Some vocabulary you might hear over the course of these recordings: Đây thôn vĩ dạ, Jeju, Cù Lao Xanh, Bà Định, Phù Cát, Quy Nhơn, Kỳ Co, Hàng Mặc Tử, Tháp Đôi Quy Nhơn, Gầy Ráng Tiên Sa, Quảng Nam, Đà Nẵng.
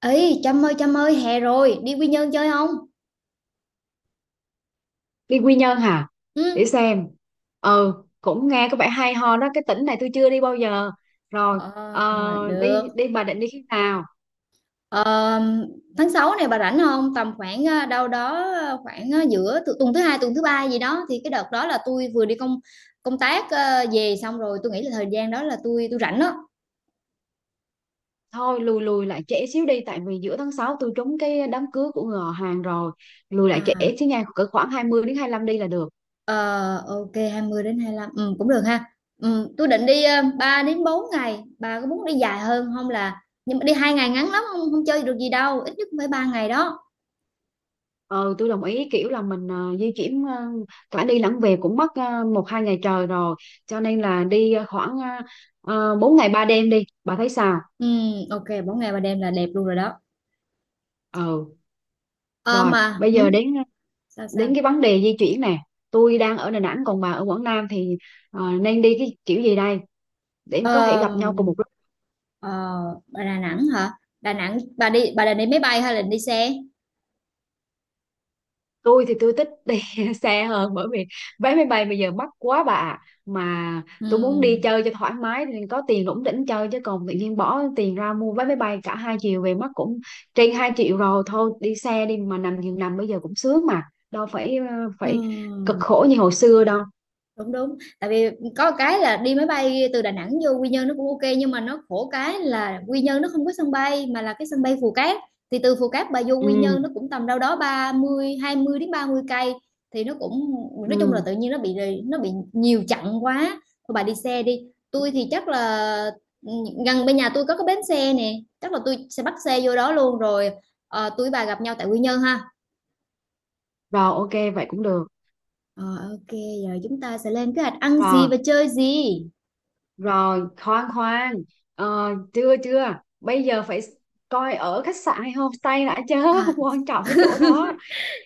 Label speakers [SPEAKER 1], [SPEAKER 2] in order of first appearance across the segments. [SPEAKER 1] Ấy Trâm ơi Trâm ơi, hè rồi đi Quy Nhơn chơi không?
[SPEAKER 2] Đi Quy Nhơn hả? Để
[SPEAKER 1] Ừ.
[SPEAKER 2] xem. Ừ, cũng nghe có vẻ hay ho đó, cái tỉnh này tôi chưa đi bao giờ. Rồi.
[SPEAKER 1] Ờ,
[SPEAKER 2] ờ, đi
[SPEAKER 1] được.
[SPEAKER 2] đi Bà Định, đi khi nào?
[SPEAKER 1] Ờ, tháng 6 này bà rảnh không? Tầm khoảng đâu đó, khoảng, giữa tuần thứ hai, tuần thứ ba gì đó. Thì cái đợt đó là tôi vừa đi công công tác về xong, rồi tôi nghĩ là thời gian đó là tôi rảnh đó.
[SPEAKER 2] Thôi, lùi lùi lại trễ xíu đi, tại vì giữa tháng 6 tôi trúng cái đám cưới của người họ hàng rồi. Lùi lại trễ
[SPEAKER 1] À,
[SPEAKER 2] xíu nha, cỡ khoảng 20 đến 25 đi là được.
[SPEAKER 1] ờ, ok, 20 đến 25, ừ, cũng được ha. Ừ, tôi định đi 3 đến 4 ngày. Bà có muốn đi dài hơn không? Là nhưng mà đi hai ngày ngắn lắm, không không chơi được gì đâu, ít nhất cũng phải ba ngày đó.
[SPEAKER 2] Ừ, tôi đồng ý, kiểu là mình di chuyển cả đi lẫn về cũng mất một hai ngày trời rồi, cho nên là đi khoảng 4 ngày 3 đêm, đi, bà thấy sao?
[SPEAKER 1] Ok, 4 ngày 3 đêm là đẹp luôn rồi đó.
[SPEAKER 2] Ừ,
[SPEAKER 1] Ờ
[SPEAKER 2] rồi
[SPEAKER 1] mà,
[SPEAKER 2] bây
[SPEAKER 1] hử?
[SPEAKER 2] giờ đến
[SPEAKER 1] Sao sao?
[SPEAKER 2] đến cái vấn đề di chuyển nè. Tôi đang ở Đà Nẵng còn bà ở Quảng Nam thì nên đi cái kiểu gì đây để em có thể
[SPEAKER 1] Ờ,
[SPEAKER 2] gặp nhau cùng một lúc?
[SPEAKER 1] ờ, Bà Đà Nẵng hả? Đà Nẵng, bà đi, bà định đi máy bay hay là đi xe?
[SPEAKER 2] Tôi thì tôi thích đi xe hơn, bởi vì vé máy bay bây giờ mắc quá, bà ạ. Mà tôi muốn đi
[SPEAKER 1] Ừm,
[SPEAKER 2] chơi cho thoải mái thì có tiền rủng rỉnh chơi, chứ còn tự nhiên bỏ tiền ra mua vé máy bay cả hai chiều về mất cũng trên 2 triệu rồi. Thôi đi xe đi, mà nằm giường nằm bây giờ cũng sướng mà, đâu phải
[SPEAKER 1] ừm.
[SPEAKER 2] cực khổ như hồi xưa đâu.
[SPEAKER 1] Đúng, đúng. Tại vì có một cái là đi máy bay từ Đà Nẵng vô Quy Nhơn nó cũng ok, nhưng mà nó khổ cái là Quy Nhơn nó không có sân bay, mà là cái sân bay Phù Cát. Thì từ Phù Cát bà vô Quy
[SPEAKER 2] Ừ,
[SPEAKER 1] Nhơn nó cũng tầm đâu đó 30, 20 đến 30 cây, thì nó cũng nói chung là
[SPEAKER 2] ừ
[SPEAKER 1] tự nhiên nó bị nhiều chặng quá. Thôi bà đi xe đi, tôi thì chắc là, ừ, gần bên nhà tôi có cái bến xe nè, chắc là tôi sẽ bắt xe vô đó luôn rồi, tui với bà gặp nhau tại Quy Nhơn ha.
[SPEAKER 2] rồi ok, vậy cũng được.
[SPEAKER 1] Ờ, ô Giờ chúng ta sẽ lên kế hoạch ăn gì
[SPEAKER 2] Rồi.
[SPEAKER 1] và chơi gì?
[SPEAKER 2] Rồi, khoan khoan. Ờ, chưa chưa. Bây giờ phải coi ở khách sạn hay homestay đã chứ.
[SPEAKER 1] À.
[SPEAKER 2] Quan trọng cái chỗ đó.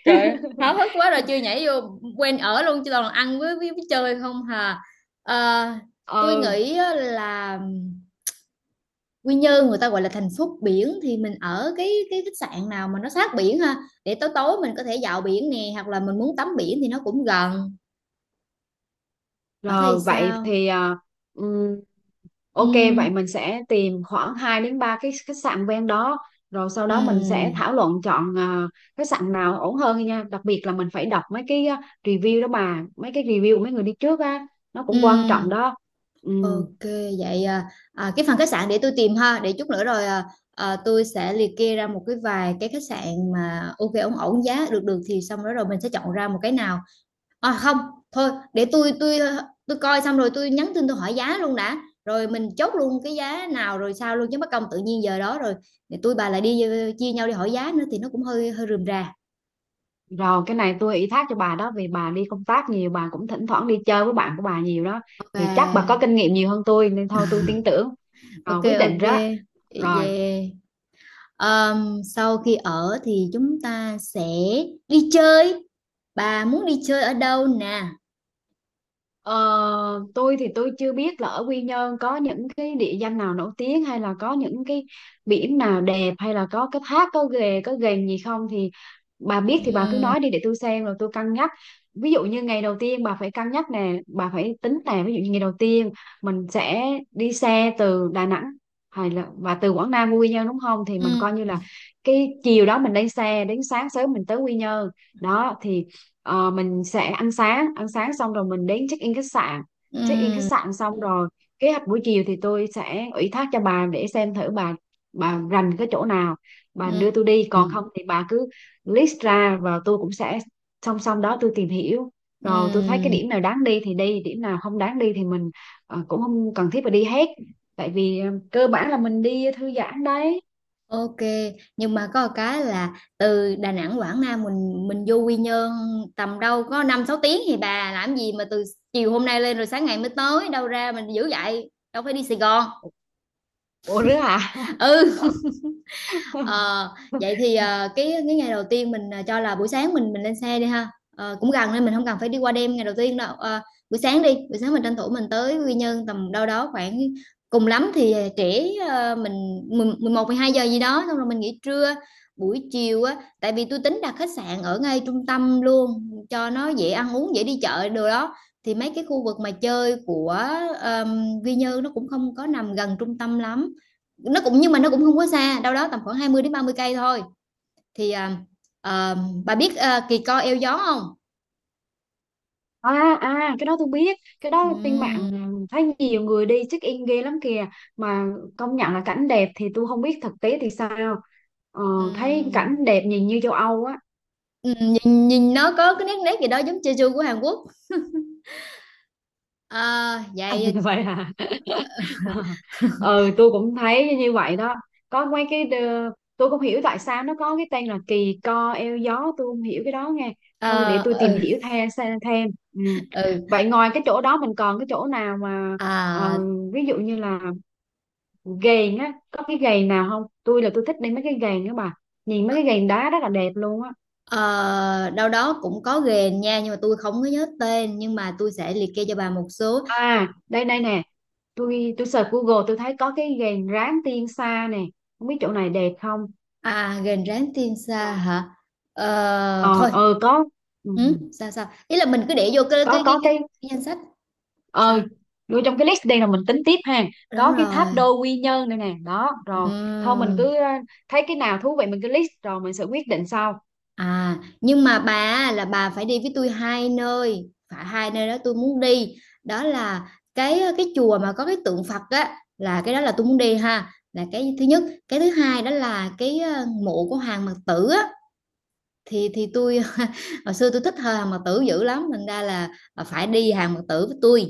[SPEAKER 1] Trời ơi, háo hức quá rồi chưa nhảy vô quen ở luôn, chứ toàn là ăn với chơi không hà. Ờ, tôi
[SPEAKER 2] Ừ.
[SPEAKER 1] nghĩ á là Quy Nhơn người ta gọi là thành phố biển, thì mình ở cái khách sạn nào mà nó sát biển ha, để tối tối mình có thể dạo biển nè, hoặc là mình muốn tắm biển thì nó cũng gần. Bà thấy
[SPEAKER 2] Rồi vậy
[SPEAKER 1] sao?
[SPEAKER 2] thì ừm,
[SPEAKER 1] Ừ,
[SPEAKER 2] ok, vậy mình sẽ tìm khoảng 2 đến 3 cái khách sạn ven đó. Rồi sau đó mình sẽ
[SPEAKER 1] ừ,
[SPEAKER 2] thảo luận chọn khách sạn nào ổn hơn nha. Đặc biệt là mình phải đọc mấy cái review đó bà, mấy cái review của mấy người đi trước á, nó cũng quan trọng
[SPEAKER 1] ừ.
[SPEAKER 2] đó. Ừ.
[SPEAKER 1] OK, vậy cái phần khách sạn để tôi tìm ha, để chút nữa rồi, tôi sẽ liệt kê ra một cái vài cái khách sạn mà ok ổn ổn giá được được, thì xong rồi rồi mình sẽ chọn ra một cái nào. À không, thôi để tôi coi xong rồi tôi nhắn tin, tôi hỏi giá luôn đã. Rồi mình chốt luôn cái giá nào rồi sao luôn, chứ mất công tự nhiên giờ đó rồi để tôi bà lại đi chia nhau đi hỏi giá nữa thì nó cũng hơi hơi rườm rà.
[SPEAKER 2] Rồi cái này tôi ủy thác cho bà đó, vì bà đi công tác nhiều, bà cũng thỉnh thoảng đi chơi với bạn của bà nhiều đó, thì chắc bà có
[SPEAKER 1] Ok,
[SPEAKER 2] kinh nghiệm nhiều hơn tôi nên thôi tôi tin tưởng rồi
[SPEAKER 1] ok
[SPEAKER 2] quyết định
[SPEAKER 1] ok.
[SPEAKER 2] đó. Rồi.
[SPEAKER 1] Yeah. Sau khi ở thì chúng ta sẽ đi chơi. Bà muốn đi chơi ở đâu nè?
[SPEAKER 2] Ờ, tôi thì tôi chưa biết là ở Quy Nhơn có những cái địa danh nào nổi tiếng, hay là có những cái biển nào đẹp, hay là có cái thác, có ghềnh gì không, thì bà biết thì bà cứ
[SPEAKER 1] Ừm,
[SPEAKER 2] nói đi để tôi xem rồi tôi cân nhắc. Ví dụ như ngày đầu tiên bà phải cân nhắc nè, bà phải tính nè, ví dụ như ngày đầu tiên mình sẽ đi xe từ Đà Nẵng, hay là và từ Quảng Nam qua Quy Nhơn, đúng không, thì mình coi như
[SPEAKER 1] ừm,
[SPEAKER 2] là cái chiều đó mình lên xe, đến sáng sớm mình tới Quy Nhơn đó thì Ờ, mình sẽ ăn sáng. Ăn sáng xong rồi mình đến check in khách sạn. Check in khách
[SPEAKER 1] ừm,
[SPEAKER 2] sạn xong rồi, kế hoạch buổi chiều thì tôi sẽ ủy thác cho bà, để xem thử bà rành cái chỗ nào, bà đưa tôi đi,
[SPEAKER 1] ừm,
[SPEAKER 2] còn không thì bà cứ list ra và tôi cũng sẽ song song đó tôi tìm hiểu, rồi tôi thấy cái
[SPEAKER 1] ừm.
[SPEAKER 2] điểm nào đáng đi thì đi, điểm nào không đáng đi thì mình cũng không cần thiết phải đi hết, tại vì cơ bản là mình đi thư giãn đấy.
[SPEAKER 1] Ok, nhưng mà có một cái là từ Đà Nẵng, Quảng Nam mình vô Quy Nhơn tầm đâu có 5 6 tiếng, thì bà làm gì mà từ chiều hôm nay lên rồi sáng ngày mới tới, đâu ra mình dữ vậy? Đâu phải đi Sài Gòn.
[SPEAKER 2] Ủa rứa hả?
[SPEAKER 1] Ừ. Ờ, Vậy thì, cái ngày đầu tiên mình, cho là buổi sáng mình lên xe đi ha, cũng gần nên mình không cần phải đi qua đêm ngày đầu tiên đâu, buổi sáng đi, buổi sáng mình tranh thủ mình tới Quy Nhơn tầm đâu đó khoảng, cùng lắm thì, trễ, mình 11 12 giờ gì đó, xong rồi mình nghỉ trưa. Buổi chiều á, tại vì tôi tính đặt khách sạn ở ngay trung tâm luôn cho nó dễ ăn uống, dễ đi chợ đồ đó, thì mấy cái khu vực mà chơi của, Quy Nhơn nó cũng không có nằm gần trung tâm lắm, nó cũng nhưng mà nó cũng không quá xa, đâu đó tầm khoảng 20 đến 30 cây thôi, thì à, bà biết kỳ co eo gió không?
[SPEAKER 2] À à, cái đó tôi biết. Cái đó trên
[SPEAKER 1] Ừm,
[SPEAKER 2] mạng thấy nhiều người đi check in ghê lắm kìa. Mà công nhận là cảnh đẹp, thì tôi không biết thực tế thì sao. ờ, Thấy
[SPEAKER 1] ừm,
[SPEAKER 2] cảnh đẹp nhìn như châu Âu á.
[SPEAKER 1] nhìn nó có cái nét nét gì đó giống Jeju của Hàn Quốc. À, vậy
[SPEAKER 2] Vậy à? Ừ, tôi cũng thấy như vậy đó. Có mấy cái đờ- Tôi không hiểu tại sao nó có cái tên là kỳ co eo gió. Tôi không hiểu cái đó nghe. Thôi
[SPEAKER 1] à,
[SPEAKER 2] để tôi tìm
[SPEAKER 1] ừ,
[SPEAKER 2] hiểu thêm xem thêm. Ừ.
[SPEAKER 1] ừ,
[SPEAKER 2] Vậy ngoài cái chỗ đó mình còn cái chỗ nào mà ờ,
[SPEAKER 1] à,
[SPEAKER 2] ví dụ như là gầy á, có cái gầy nào không, tôi là tôi thích đi mấy cái gầy nữa bà, nhìn mấy cái gầy đá rất là đẹp luôn á.
[SPEAKER 1] ờ, đâu đó cũng có ghềnh nha, nhưng mà tôi không có nhớ tên, nhưng mà tôi sẽ liệt kê cho bà một số.
[SPEAKER 2] À đây đây nè, tôi search Google tôi thấy có cái gầy ráng tiên sa nè, không biết chỗ này đẹp không.
[SPEAKER 1] À, ghềnh rán tiên sa hả?
[SPEAKER 2] Ờ
[SPEAKER 1] Thôi,
[SPEAKER 2] ờ có. Ừ,
[SPEAKER 1] ừ, sao sao, ý là mình cứ để vô cái
[SPEAKER 2] có
[SPEAKER 1] cái
[SPEAKER 2] có
[SPEAKER 1] cái,
[SPEAKER 2] cái
[SPEAKER 1] cái danh sách, sao?
[SPEAKER 2] ờ nuôi trong cái list đây là mình tính tiếp ha.
[SPEAKER 1] Đúng
[SPEAKER 2] Có cái tháp
[SPEAKER 1] rồi.
[SPEAKER 2] đôi Quy Nhơn đây nè, đó rồi. Thôi mình
[SPEAKER 1] Ừm.
[SPEAKER 2] cứ thấy cái nào thú vị mình cứ list rồi mình sẽ quyết định sau.
[SPEAKER 1] À, nhưng mà bà á, là bà phải đi với tôi hai nơi, phải hai nơi đó tôi muốn đi. Đó là cái chùa mà có cái tượng Phật á, là cái đó là tôi muốn đi ha, là cái thứ nhất. Cái thứ hai đó là cái, mộ của Hàng Mặc Tử á, thì tôi hồi xưa tôi thích thờ Hàng Mặc Tử dữ lắm, thành ra là phải đi Hàng Mặc Tử với tôi.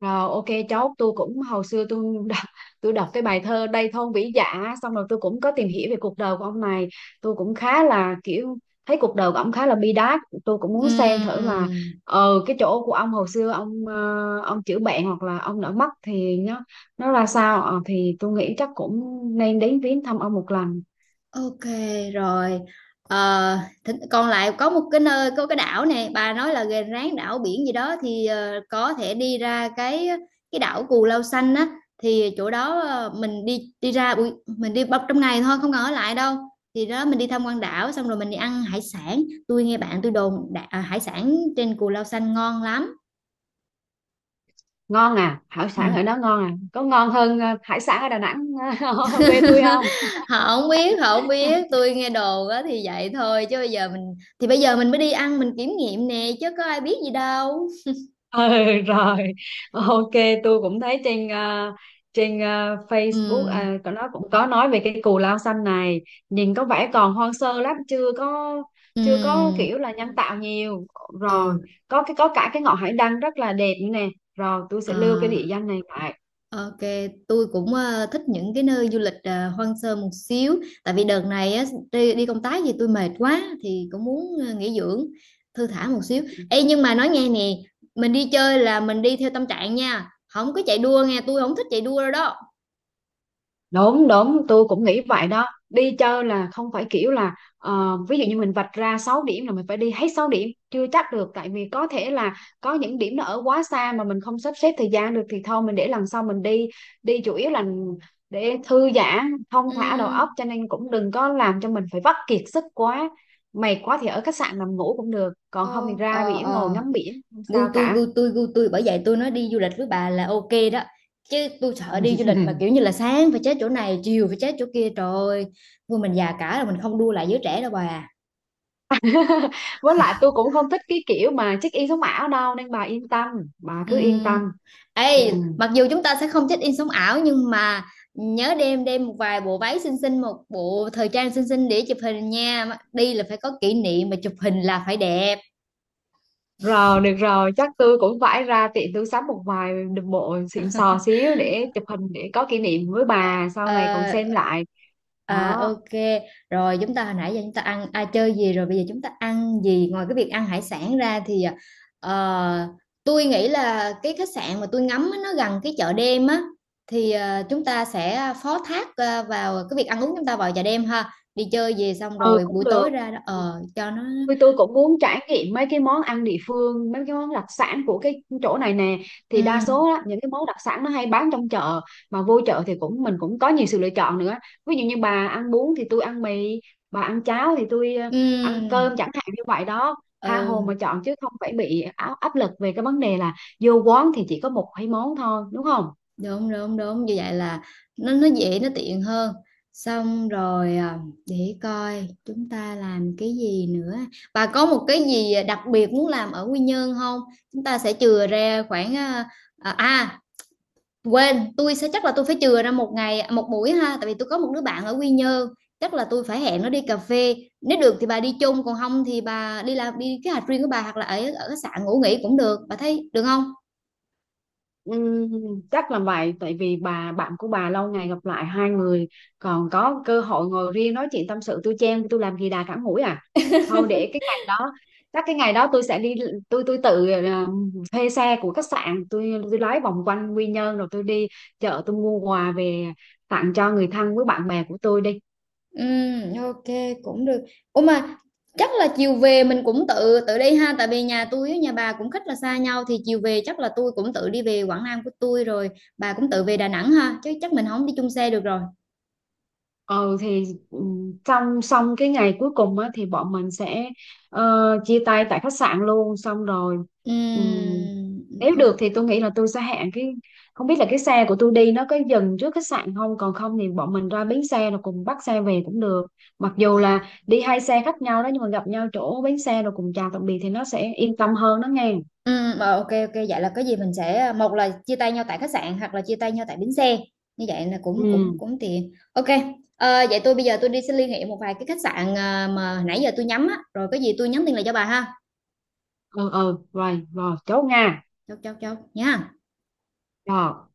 [SPEAKER 2] Rồi ok. Chốt. Tôi cũng hồi xưa tôi đọc cái bài thơ Đây Thôn Vĩ Dạ, xong rồi tôi cũng có tìm hiểu về cuộc đời của ông này, tôi cũng khá là kiểu thấy cuộc đời của ông khá là bi đát, tôi cũng muốn xem thử là
[SPEAKER 1] Ừm.
[SPEAKER 2] cái chỗ của ông hồi xưa ông ông chữa bệnh, hoặc là ông đã mất thì nó ra sao. Ờ, thì tôi nghĩ chắc cũng nên đến viếng thăm ông một lần.
[SPEAKER 1] OK rồi. Ờ, Còn lại có một cái nơi, có cái đảo này bà nói là gần ráng đảo biển gì đó, thì có thể đi ra cái đảo Cù Lao Xanh á, thì chỗ đó mình đi đi ra buổi mình đi bọc trong ngày thôi, không cần ở lại đâu. Thì đó mình đi tham quan đảo xong rồi mình đi ăn hải sản. Tôi nghe bạn tôi đồn hải sản trên Cù Lao Xanh ngon lắm.
[SPEAKER 2] Ngon à? Hải sản ở
[SPEAKER 1] Ừ.
[SPEAKER 2] đó ngon à, có ngon hơn hải sản ở Đà Nẵng quê tôi không?
[SPEAKER 1] Họ không biết, tôi nghe đồn á thì vậy thôi chứ bây giờ mình thì bây giờ mình mới đi ăn mình kiểm nghiệm nè, chứ có ai biết gì đâu.
[SPEAKER 2] Ừ, rồi ok. Tôi cũng thấy trên Facebook
[SPEAKER 1] Ừm,
[SPEAKER 2] có nó cũng có nói về cái Cù Lao Xanh này, nhìn có vẻ còn hoang sơ lắm, chưa có
[SPEAKER 1] ừm,
[SPEAKER 2] kiểu là nhân tạo nhiều. Rồi
[SPEAKER 1] ừ,
[SPEAKER 2] có cả cái ngọn hải đăng rất là đẹp nữa nè. Rồi tôi sẽ lưu cái địa
[SPEAKER 1] à,
[SPEAKER 2] danh này lại.
[SPEAKER 1] OK, tui cũng, thích những cái nơi du lịch, hoang sơ một xíu, tại vì đợt này á, đi đi công tác gì tôi mệt quá thì cũng muốn, nghỉ dưỡng, thư thả một xíu. Ê, nhưng mà nói nghe nè, mình đi chơi là mình đi theo tâm trạng nha, không có chạy đua nghe, tôi không thích chạy đua đâu đó.
[SPEAKER 2] Đúng đúng, tôi cũng nghĩ vậy đó, đi chơi là không phải kiểu là ví dụ như mình vạch ra 6 điểm là mình phải đi hết 6 điểm chưa chắc được, tại vì có thể là có những điểm nó ở quá xa mà mình không sắp xếp thời gian được, thì thôi mình để lần sau mình đi. Đi chủ yếu là để thư giãn thong thả đầu
[SPEAKER 1] Ừm.
[SPEAKER 2] óc, cho nên cũng đừng có làm cho mình phải vắt kiệt sức quá. Mệt quá thì ở khách sạn nằm ngủ cũng được, còn không
[SPEAKER 1] Ờ,
[SPEAKER 2] thì ra
[SPEAKER 1] ờ,
[SPEAKER 2] biển ngồi
[SPEAKER 1] ờ.
[SPEAKER 2] ngắm biển không sao
[SPEAKER 1] Gu tôi
[SPEAKER 2] cả.
[SPEAKER 1] gu tôi gu tôi bởi vậy tôi nói đi du lịch với bà là ok đó, chứ tôi sợ đi du lịch mà kiểu như là sáng phải chết chỗ này chiều phải chết chỗ kia, trời ơi, thôi mình già cả rồi mình không đua lại giới trẻ đâu bà à.
[SPEAKER 2] Với lại tôi cũng không thích cái kiểu mà check in sống ảo đâu, nên bà yên tâm, bà cứ yên
[SPEAKER 1] Ừm.
[SPEAKER 2] tâm. Ừ.
[SPEAKER 1] Ê, mặc dù chúng ta sẽ không check in sống ảo, nhưng mà nhớ đem đem một vài bộ váy xinh xinh, một bộ thời trang xinh xinh để chụp hình nha, đi là phải có kỷ niệm mà chụp hình là phải đẹp.
[SPEAKER 2] Rồi được rồi, chắc tôi cũng phải ra tiệm tôi sắm một vài bộ xịn sò xíu để chụp hình, để có kỷ niệm với bà sau này còn
[SPEAKER 1] Ờ,
[SPEAKER 2] xem lại đó.
[SPEAKER 1] ok rồi, chúng ta hồi nãy giờ chúng ta ăn, chơi gì rồi, bây giờ chúng ta ăn gì ngoài cái việc ăn hải sản ra? Thì ờ, tôi nghĩ là cái khách sạn mà tôi ngắm á, nó gần cái chợ đêm á, thì chúng ta sẽ phó thác vào cái việc ăn uống, chúng ta vào chợ đêm ha, đi chơi về xong
[SPEAKER 2] Ừ
[SPEAKER 1] rồi buổi
[SPEAKER 2] cũng được.
[SPEAKER 1] tối ra đó
[SPEAKER 2] Ừ.
[SPEAKER 1] cho nó.
[SPEAKER 2] Tôi cũng muốn trải nghiệm mấy cái món ăn địa phương, mấy cái món đặc sản của cái chỗ này nè,
[SPEAKER 1] Ừ,
[SPEAKER 2] thì đa số á, những cái món đặc sản nó hay bán trong chợ, mà vô chợ thì cũng mình cũng có nhiều sự lựa chọn nữa. Ví dụ như bà ăn bún thì tôi ăn mì, bà ăn cháo thì tôi ăn
[SPEAKER 1] ừ,
[SPEAKER 2] cơm chẳng hạn, như vậy đó, tha hồ
[SPEAKER 1] ừ.
[SPEAKER 2] mà chọn, chứ không phải bị áp lực về cái vấn đề là vô quán thì chỉ có một hai món thôi, đúng không?
[SPEAKER 1] Đúng, đúng, đúng, như vậy là nó dễ, nó tiện hơn. Xong rồi, để coi chúng ta làm cái gì nữa. Bà có một cái gì đặc biệt muốn làm ở Quy Nhơn không? Chúng ta sẽ chừa ra khoảng, à, à, quên, tôi sẽ chắc là tôi phải chừa ra một ngày một buổi ha, tại vì tôi có một đứa bạn ở Quy Nhơn, chắc là tôi phải hẹn nó đi cà phê. Nếu được thì bà đi chung, còn không thì bà đi làm đi cái hành riêng của bà hoặc là ở ở khách sạn ngủ nghỉ cũng được. Bà thấy được không?
[SPEAKER 2] Ừm, chắc là vậy, tại vì bà bạn của bà lâu ngày gặp lại, hai người còn có cơ hội ngồi riêng nói chuyện tâm sự, tôi chen tôi làm gì đà cản mũi à. Thôi để cái ngày đó, chắc cái ngày đó tôi sẽ đi, tôi tự thuê xe của khách sạn, tôi lái vòng quanh Quy Nhơn rồi tôi đi chợ tôi mua quà về tặng cho người thân với bạn bè của tôi đi.
[SPEAKER 1] Ok, cũng được. Ủa, mà chắc là chiều về mình cũng tự tự đi ha, tại vì nhà tôi với nhà bà cũng khích là xa nhau, thì chiều về chắc là tôi cũng tự đi về Quảng Nam của tôi rồi, bà cũng tự về Đà Nẵng ha, chứ chắc mình không đi chung xe được rồi.
[SPEAKER 2] Ừ thì trong xong cái ngày cuối cùng á, thì bọn mình sẽ ờ, chia tay tại khách sạn luôn, xong rồi ừm,
[SPEAKER 1] Ừm,
[SPEAKER 2] nếu
[SPEAKER 1] ừ,
[SPEAKER 2] được thì tôi nghĩ là tôi sẽ hẹn cái, không biết là cái xe của tôi đi nó có dừng trước khách sạn không, còn không thì bọn mình ra bến xe rồi cùng bắt xe về cũng được. Mặc dù
[SPEAKER 1] ờ,
[SPEAKER 2] là đi hai xe khác nhau đó, nhưng mà gặp nhau chỗ bến xe rồi cùng chào tạm biệt thì nó sẽ yên tâm hơn đó nghe.
[SPEAKER 1] ờ, ô kê, vậy là có gì mình sẽ một là chia tay nhau tại khách sạn hoặc là chia tay nhau tại bến xe, như vậy là cũng cũng
[SPEAKER 2] Ừ
[SPEAKER 1] cũng tiện. Ok, vậy tôi bây giờ tôi đi sẽ liên hệ một vài cái khách sạn, mà nãy giờ tôi nhắm á, rồi có gì tôi nhắn tin lại cho bà ha.
[SPEAKER 2] ừ ừ rồi, rồi chốt nha.
[SPEAKER 1] Chốt, chốt, chốt nha.
[SPEAKER 2] Rồi.